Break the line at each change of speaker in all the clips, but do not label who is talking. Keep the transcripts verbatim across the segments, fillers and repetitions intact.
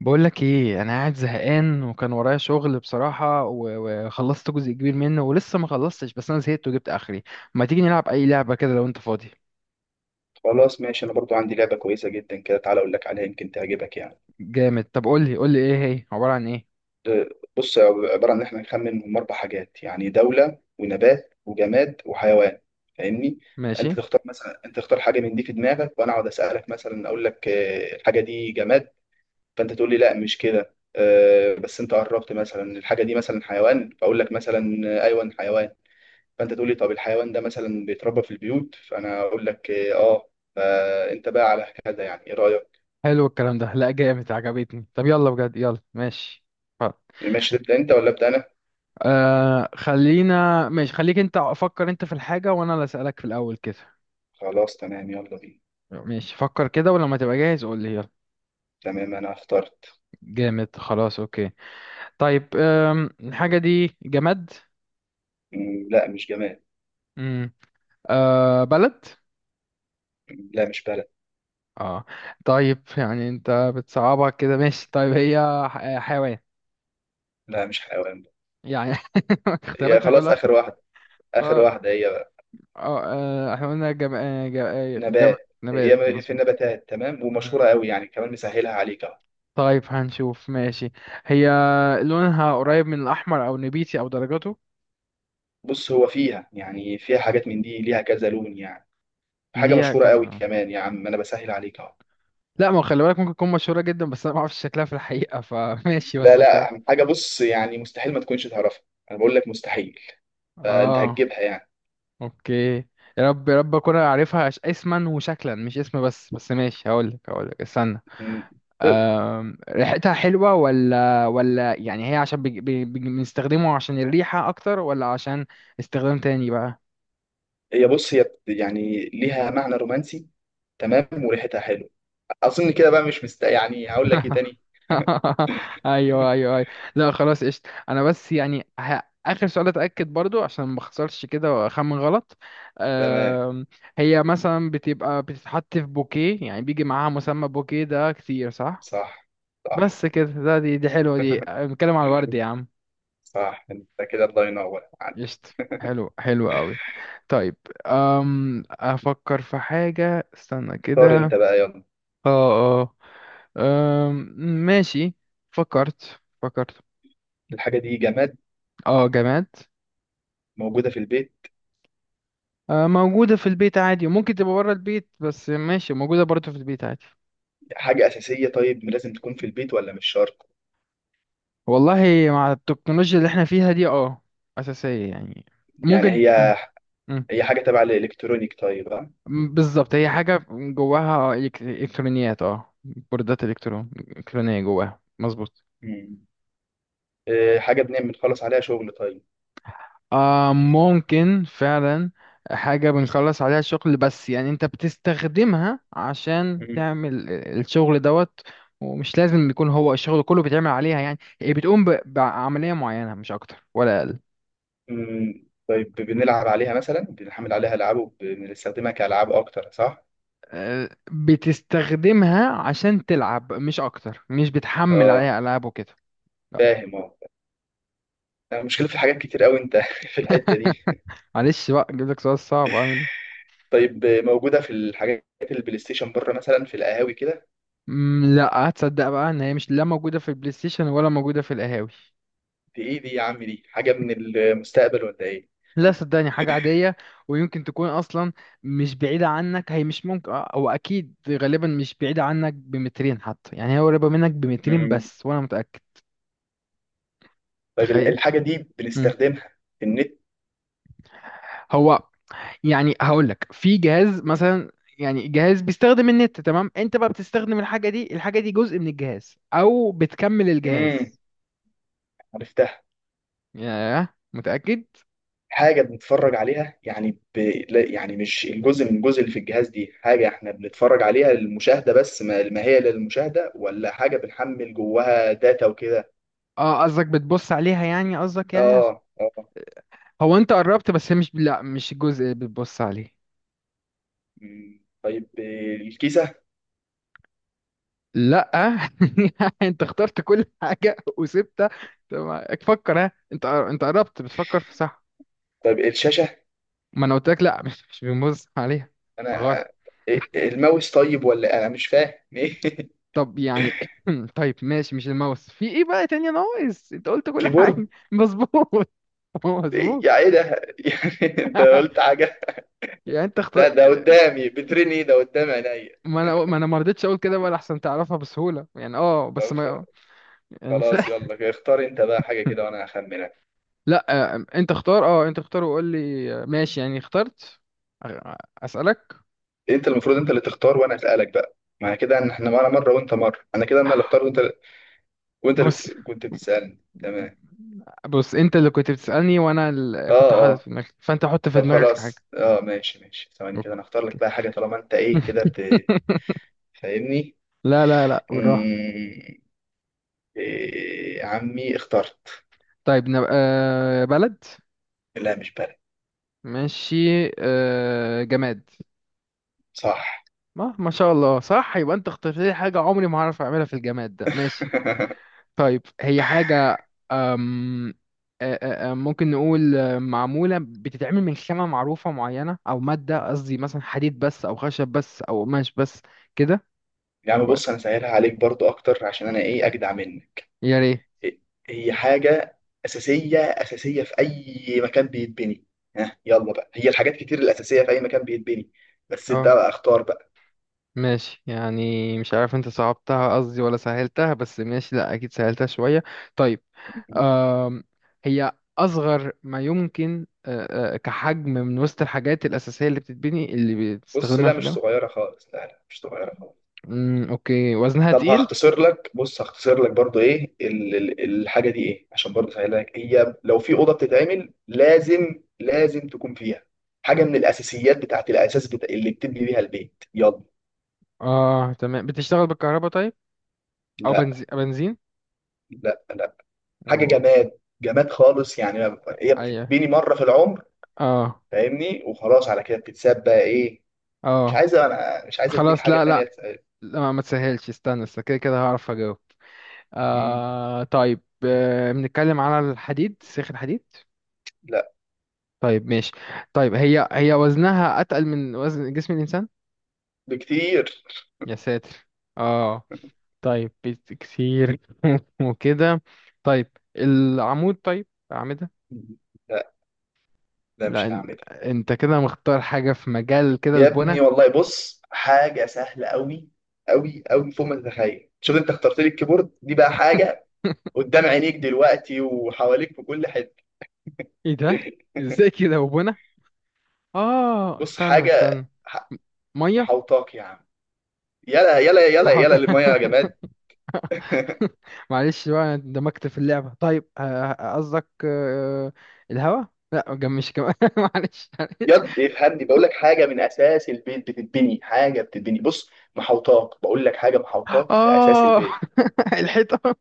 بقولك ايه، انا قاعد زهقان وكان ورايا شغل بصراحة و- وخلصت جزء كبير منه ولسه ما خلصتش، بس انا زهقت وجبت اخري. ما تيجي نلعب اي لعبة كده لو انت فاضي؟
خلاص، ماشي. انا برضو عندي لعبه كويسه جدا كده، تعالى اقول لك عليها، يمكن تعجبك يعني.
جامد. طب قولي قولي، ايه هي؟ عبارة عن ايه؟
أه، بص، عباره عن ان احنا نخمن من اربع حاجات يعني دوله ونبات وجماد وحيوان. فاهمني؟ انت
ماشي.
تختار، مثلا انت تختار حاجه من دي في دماغك، وانا اقعد اسالك. مثلا اقول لك أه، الحاجه دي جماد، فانت تقول لي لا مش كده. أه، بس انت قربت، مثلا الحاجه دي مثلا حيوان، فاقول لك مثلا أه، ايوه حيوان. فانت تقول لي طب الحيوان ده مثلا بيتربى في البيوت، فانا اقول لك اه. آه، فانت بقى على كده. يعني ايه رايك؟
حلو الكلام ده، لا جامد، عجبتني. طب يلا بجد، يلا ماشي خلاص.
الماتش ده بتاع انت ولا بتاع انا؟
آه خلينا ماشي، خليك انت فكر انت في الحاجة وانا اللي اسألك في الاول كده.
خلاص تمام، يلا بينا.
ماشي، فكر كده ولما تبقى جاهز قول لي يلا.
تمام انا اخترت.
جامد خلاص، اوكي. طيب، آم، الحاجة دي جماد؟
مم، لا مش جماد.
آه بلد؟
مم، لا مش بلد.
اه. طيب يعني انت بتصعبها كده، ماشي، طيب هي ح- آه، حيوان؟
لا مش حيوان.
يعني.
يا
اختياراتها
خلاص
كلها.
اخر واحده. اخر
اه
واحده هي بقى
اه. آه، احنا قلنا جم... آه، جم... آه، جم...
نبات. هي
نبات،
م- في
مظبوط.
النباتات، تمام، ومشهوره
مم.
قوي يعني، كمان مسهلها عليك اهو.
طيب هنشوف، ماشي. هي لونها قريب من الاحمر او نبيتي او درجاته؟
بص، هو فيها يعني، فيها حاجات من دي ليها كذا لون يعني. حاجه
ليها
مشهوره
كذا
قوي
لون.
كمان، يا عم انا بسهل عليك اهو.
لا، ما هو خلي بالك ممكن تكون مشهورة جدا بس انا ما اعرفش شكلها في الحقيقة فماشي،
لا
بس انت
لا، حاجه بص يعني مستحيل ما تكونش تعرفها. انا بقول لك مستحيل. فانت
اه،
هتجيبها يعني.
اوكي. يا رب يا رب اكون عارفها، ش- اسما وشكلا مش اسم بس، بس ماشي هقولك هقولك استنى.
مم.
أم... ريحتها حلوة ولا ولا يعني، هي عشان بج... بج... بج... بنستخدمه عشان الريحة اكتر ولا عشان استخدام تاني بقى؟
هي بص، هي بت- يعني ليها معنى رومانسي، تمام، وريحتها حلو. اظن كده بقى مش مست يعني. هقول لك ايه تاني؟
ايوه ايوه ايوه. لا خلاص قشطة، انا بس يعني ه... اخر سؤال اتاكد برضو عشان ما اخسرش كده واخمن غلط.
تمام.
أم... هي مثلا بتبقى بتتحط في بوكيه، يعني بيجي معاها مسمى بوكيه ده كتير، صح؟
صح. صح.
بس كده، ده دي دي حلوة، دي بنتكلم على الورد يا عم.
صح، انت كده الله ينور عليك.
قشطة. حلو حلو قوي. طيب، أم أفكر في حاجة، استنى
اختار
كده.
انت بقى يلا.
اه اه. أم، ماشي، فكرت فكرت.
الحاجه دي جماد؟
اه، جماد.
موجوده في البيت؟
آه، موجودة في البيت عادي، وممكن تبقى بره البيت بس ماشي موجودة برضه في البيت عادي.
حاجه اساسيه طيب، لازم تكون في البيت ولا مش شرط؟
والله، مع التكنولوجيا اللي احنا فيها دي اه، أساسية يعني،
يعني
ممكن.
هي.
مم.
هي حاجه تبع الالكترونيك طيب، ها؟
م- بالظبط، هي حاجة جواها إلكت- إلكترونيات، اه، بوردات إلكترون إلكترونية جواها، مظبوط.
مم. إيه، حاجه بنعمل بنخلص عليها شغل طيب؟
آه، ممكن فعلا. حاجة بنخلص عليها الشغل، بس يعني انت بتستخدمها عشان
مم.
تعمل ال- الشغل دوت. ومش لازم يكون هو الشغل كله بيتعمل عليها، يعني هي بتقوم ب- بعملية معينة مش أكتر ولا أقل.
مم. طيب، بنلعب عليها مثلا، بنحمل عليها العاب وبنستخدمها كالعاب اكتر، صح؟
آه، بتستخدمها عشان تلعب مش أكتر، مش بتحمل
اه،
عليها ألعاب وكده. لا.
فاهم. المشكلة في حاجات كتير قوي انت في الحتة دي.
معلش بقى، جيب لك سؤال صعب.
طيب موجودة في الحاجات، البلاي ستيشن، بره مثلا في القهاوي كده؟
مم، لا. هتصدق بقى ان هي مش لا موجوده في البلاي ستيشن ولا موجوده في القهاوي.
دي ايه دي يا عم؟ دي حاجة من المستقبل ولا ايه؟
لا صدقني، حاجه عاديه، ويمكن تكون اصلا مش بعيده عنك، هي مش ممكن او اكيد غالبا مش بعيده عنك بمترين حتى، يعني هي قريبه منك بمترين
امم
بس وانا متاكد.
طيب، ال-
تخيل.
الحاجة دي
مم.
بنستخدمها في النت؟
هو يعني هقول لك في جهاز مثلا، يعني جهاز بيستخدم النت، تمام، انت بقى بتستخدم الحاجه دي، الحاجه دي جزء من الجهاز او بتكمل
امم،
الجهاز.
عرفتها.
ياه، متاكد؟
حاجة بنتفرج عليها يعني ب... لا، يعني مش الجزء من الجزء اللي في الجهاز دي. حاجة احنا بنتفرج عليها للمشاهدة بس؟ ما... ما هي للمشاهدة، ولا حاجة بنحمل جواها داتا وكده؟
اه قصدك بتبص عليها يعني، قصدك يعني.
اه اه.
هو انت قربت بس مش، لا مش الجزء اللي بتبص عليه.
مم. طيب، الكيسة؟
لا. انت اخترت كل حاجه وسبتها. طب فكر، ها انت قر- انت قربت بتفكر في، صح.
طيب الشاشة؟
ما انا قلت لك لا، مش مش بنبص عليها. غلط.
انا إيه- الماوس طيب ولا إيه؟ انا مش فاهم ايه.
طب يعني، طيب ماشي، مش الماوس، في ايه بقى تاني ناقص؟ انت قلت كل حاجه
كيبورد؟
مظبوط، هو
إيه؟
مظبوط.
يا ايه ده يعني. انت قلت حاجه.
يعني انت اختار.
ده ده قدامي بترني. إيه؟ ده قدام عينيا.
ما انا ما انا ما رضيتش اقول كده بقى لحسن تعرفها بسهوله، يعني اه، بس
طب خ-
ما... يعني.
خلاص يلا كده، اختار انت بقى حاجه كده، وانا هخمنك.
لا، آه، انت اختار، اه انت اختار وقول لي، آه، ماشي يعني اخترت. أ- اسالك.
انت المفروض انت اللي تختار وانا اسالك. بقى معنى كده ان احنا معانا مره وانت مره. انا كده انا اللي اختار، وانت وانت اللي
بص
كنت بتسالني، تمام؟
بص، انت اللي كنت بتسالني وانا اللي
اه
كنت حاطط
اه.
في دماغي، فانت حط في
طب
دماغك حاجه.
خلاص، اه ماشي ماشي، ثواني كده انا اختار
اوكي.
لك بقى حاجه، طالما انت ايه كده بت- فاهمني.
لا لا لا، بالراحه.
مم. إيه يا عمي، اخترت.
طيب نبقى آه، بلد؟
لا مش بلد.
ماشي. آه، جماد؟
صح.
ما ما شاء الله، صح، يبقى انت اخترت لي حاجه عمري ما هعرف اعملها في الجماد ده، ماشي. طيب هي حاجة، أم آه، آه، آه، ممكن نقول آه، معمولة بتتعمل من خامة معروفة معينة أو مادة قصدي، مثلا حديد بس أو خشب بس أو قماش بس كده.
يا عم
و-
بص، انا سهلها عليك برضو اكتر، عشان انا ايه، اجدع منك.
يا ريت.
إيه. هي حاجة اساسية، اساسية في اي مكان بيتبني. ها يلا بقى، هي الحاجات كتير الاساسية في اي مكان بيتبني، بس انت
اه
بقى اختار بقى.
ماشي يعني، مش عارف انت صعبتها قصدي ولا سهلتها بس ماشي، لا أكيد سهلتها شوية. طيب. أم هي أصغر ما يمكن آه، آه، كحجم، من وسط الحاجات الأساسية اللي بتتبني، اللي
بص،
بتستخدمها
لا
في
مش
البناء؟
صغيرة خالص، لا لا مش صغيرة خالص.
أمم، أوكي، وزنها
طب
تقيل؟
هختصر لك، بص هختصر لك برضو ايه، ال- ال- الحاجه دي ايه، عشان برضو اسهلها لك. هي لو في اوضه بتتعمل، لازم لازم تكون فيها حاجه من الاساسيات، بتاعت الاساس بتا... اللي بتبني بيها البيت، يلا.
اه تمام. بتشتغل بالكهرباء، طيب؟ او
لا.
بنزين بنزين
لا لا. حاجه
و،
جماد، جماد خالص يعني. ما- هي
ايوه
بتتبني مره في العمر.
اه
فاهمني؟ وخلاص على كده بتتساب بقى. ايه؟ مش
اه.
عايز انا مش عايز اديك
خلاص
حاجه
لا
تانية
لا
تسأل.
لا، ما ما تسهلش، استنى استنى كده كده هعرف اجاوب.
مم.
آه طيب، آه، بنتكلم على الحديد سيخ الحديد؟
لا،
طيب ماشي. طيب هي هي وزنها اتقل من وزن جسم الانسان؟
بكتير.
يا ساتر. اه. طيب بت- كتير. وكده. طيب، العمود، طيب اعمده؟
لا، لا مش
لا. إن-
هنعملها.
انت كده مختار حاجة في مجال كده
يا
البنى.
ابني والله، بص، حاجة سهلة أوي أوي أوي، فوق ما تتخيل. شوف، أنت اخترت لي الكيبورد دي، بقى حاجة قدام عينيك دلوقتي وحواليك في كل حتة.
ايه ده؟ ازاي كده وبنا، اه
بص
استنى
حاجة
استنى،
ح-
ميه
محوطاك يا عم. يلا يلا يلا
وحوت.
يلا للمية يا جماد.
معلش بقى، أنا اندمجت في اللعبه. طيب آه، قصدك آه، الهوا؟ لا، جم مش كمان. معلش.
يد، افهمني، بقول لك حاجة من أساس البيت بتتبني. حاجة بتتبني، بص، محوطاك، بقول لك حاجة محوطاك في أساس
اه.
البيت.
الحيطه.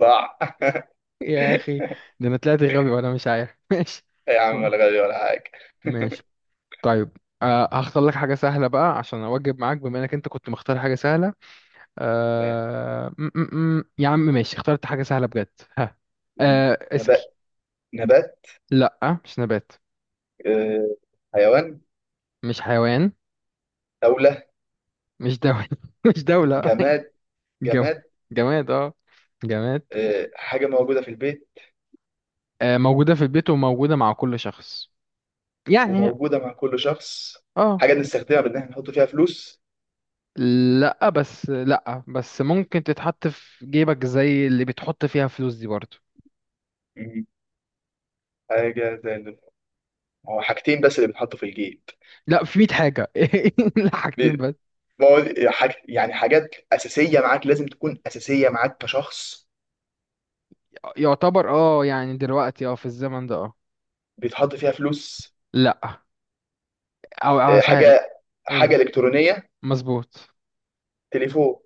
صح.
يا اخي، ده انا طلعت غبي وانا مش عارف. ماشي
يا عم، ولا غالي ولا حاجة.
ماشي. طيب، آه، هختار لك حاجه سهله بقى عشان اواجب معاك بما انك انت كنت مختار حاجه سهله.
ما-
آه... م -م -م. يا عم ماشي، اخترت حاجة سهلة بجد. ها. آه... اسأل.
نبات. نبات.
لا مش نبات.
آه، حيوان.
مش حيوان.
دولة.
مش دولة. مش دولة.
جماد.
جم...
جماد.
جماد، اه. جماد، أوف.
آه، حاجة موجودة في البيت
آه، موجودة في البيت وموجودة مع كل شخص، يعني
وموجودة مع كل شخص.
اه.
حاجة بنستخدمها بإن إحنا نحط فيها فلوس.
لا بس، لا بس ممكن تتحط في جيبك زي اللي بتحط فيها فلوس دي برضه.
مم. حاجة زي ال- هو حاجتين بس اللي بنحطوا في الجيب.
لا، في مية حاجة. لا حاجتين
بي-
بس.
ما هو حاج... يعني حاجات أساسية معاك، لازم تكون أساسية معاك كشخص،
يعتبر اه، يعني دلوقتي اه، في الزمن ده اه.
بيتحط فيها فلوس.
لا، او أو
آه،
هسه-.
حاجة حاجة
قولي.
إلكترونية.
مظبوط.
تليفون.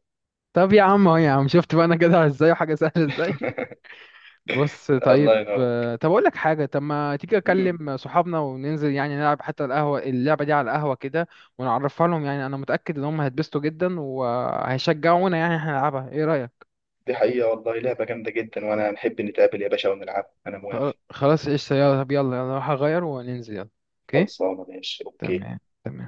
طب يا عم اهو، يا عم شفت بقى انا جدع ازاي، وحاجه سهله ازاي. بص
الله
طيب،
ينور.
آه، طب اقول لك حاجه، طب ما تيجي
مم.
اكلم صحابنا وننزل يعني نلعب حتى القهوه، اللعبه دي على القهوه كده. ونعرفها لهم، يعني انا متاكد ان هم هيتبسطوا جدا وهيشجعونا يعني احنا نلعبها، ايه رايك؟
دي حقيقة والله، لعبة جامدة جدا، وأنا نحب نتقابل يا باشا ونلعب، أنا
خ-
موافق.
خلاص ايش يلا، طب يلا يلا هغير وننزل يلا. اوكي،
خلصانة، ماشي أوكي.
تمام تمام.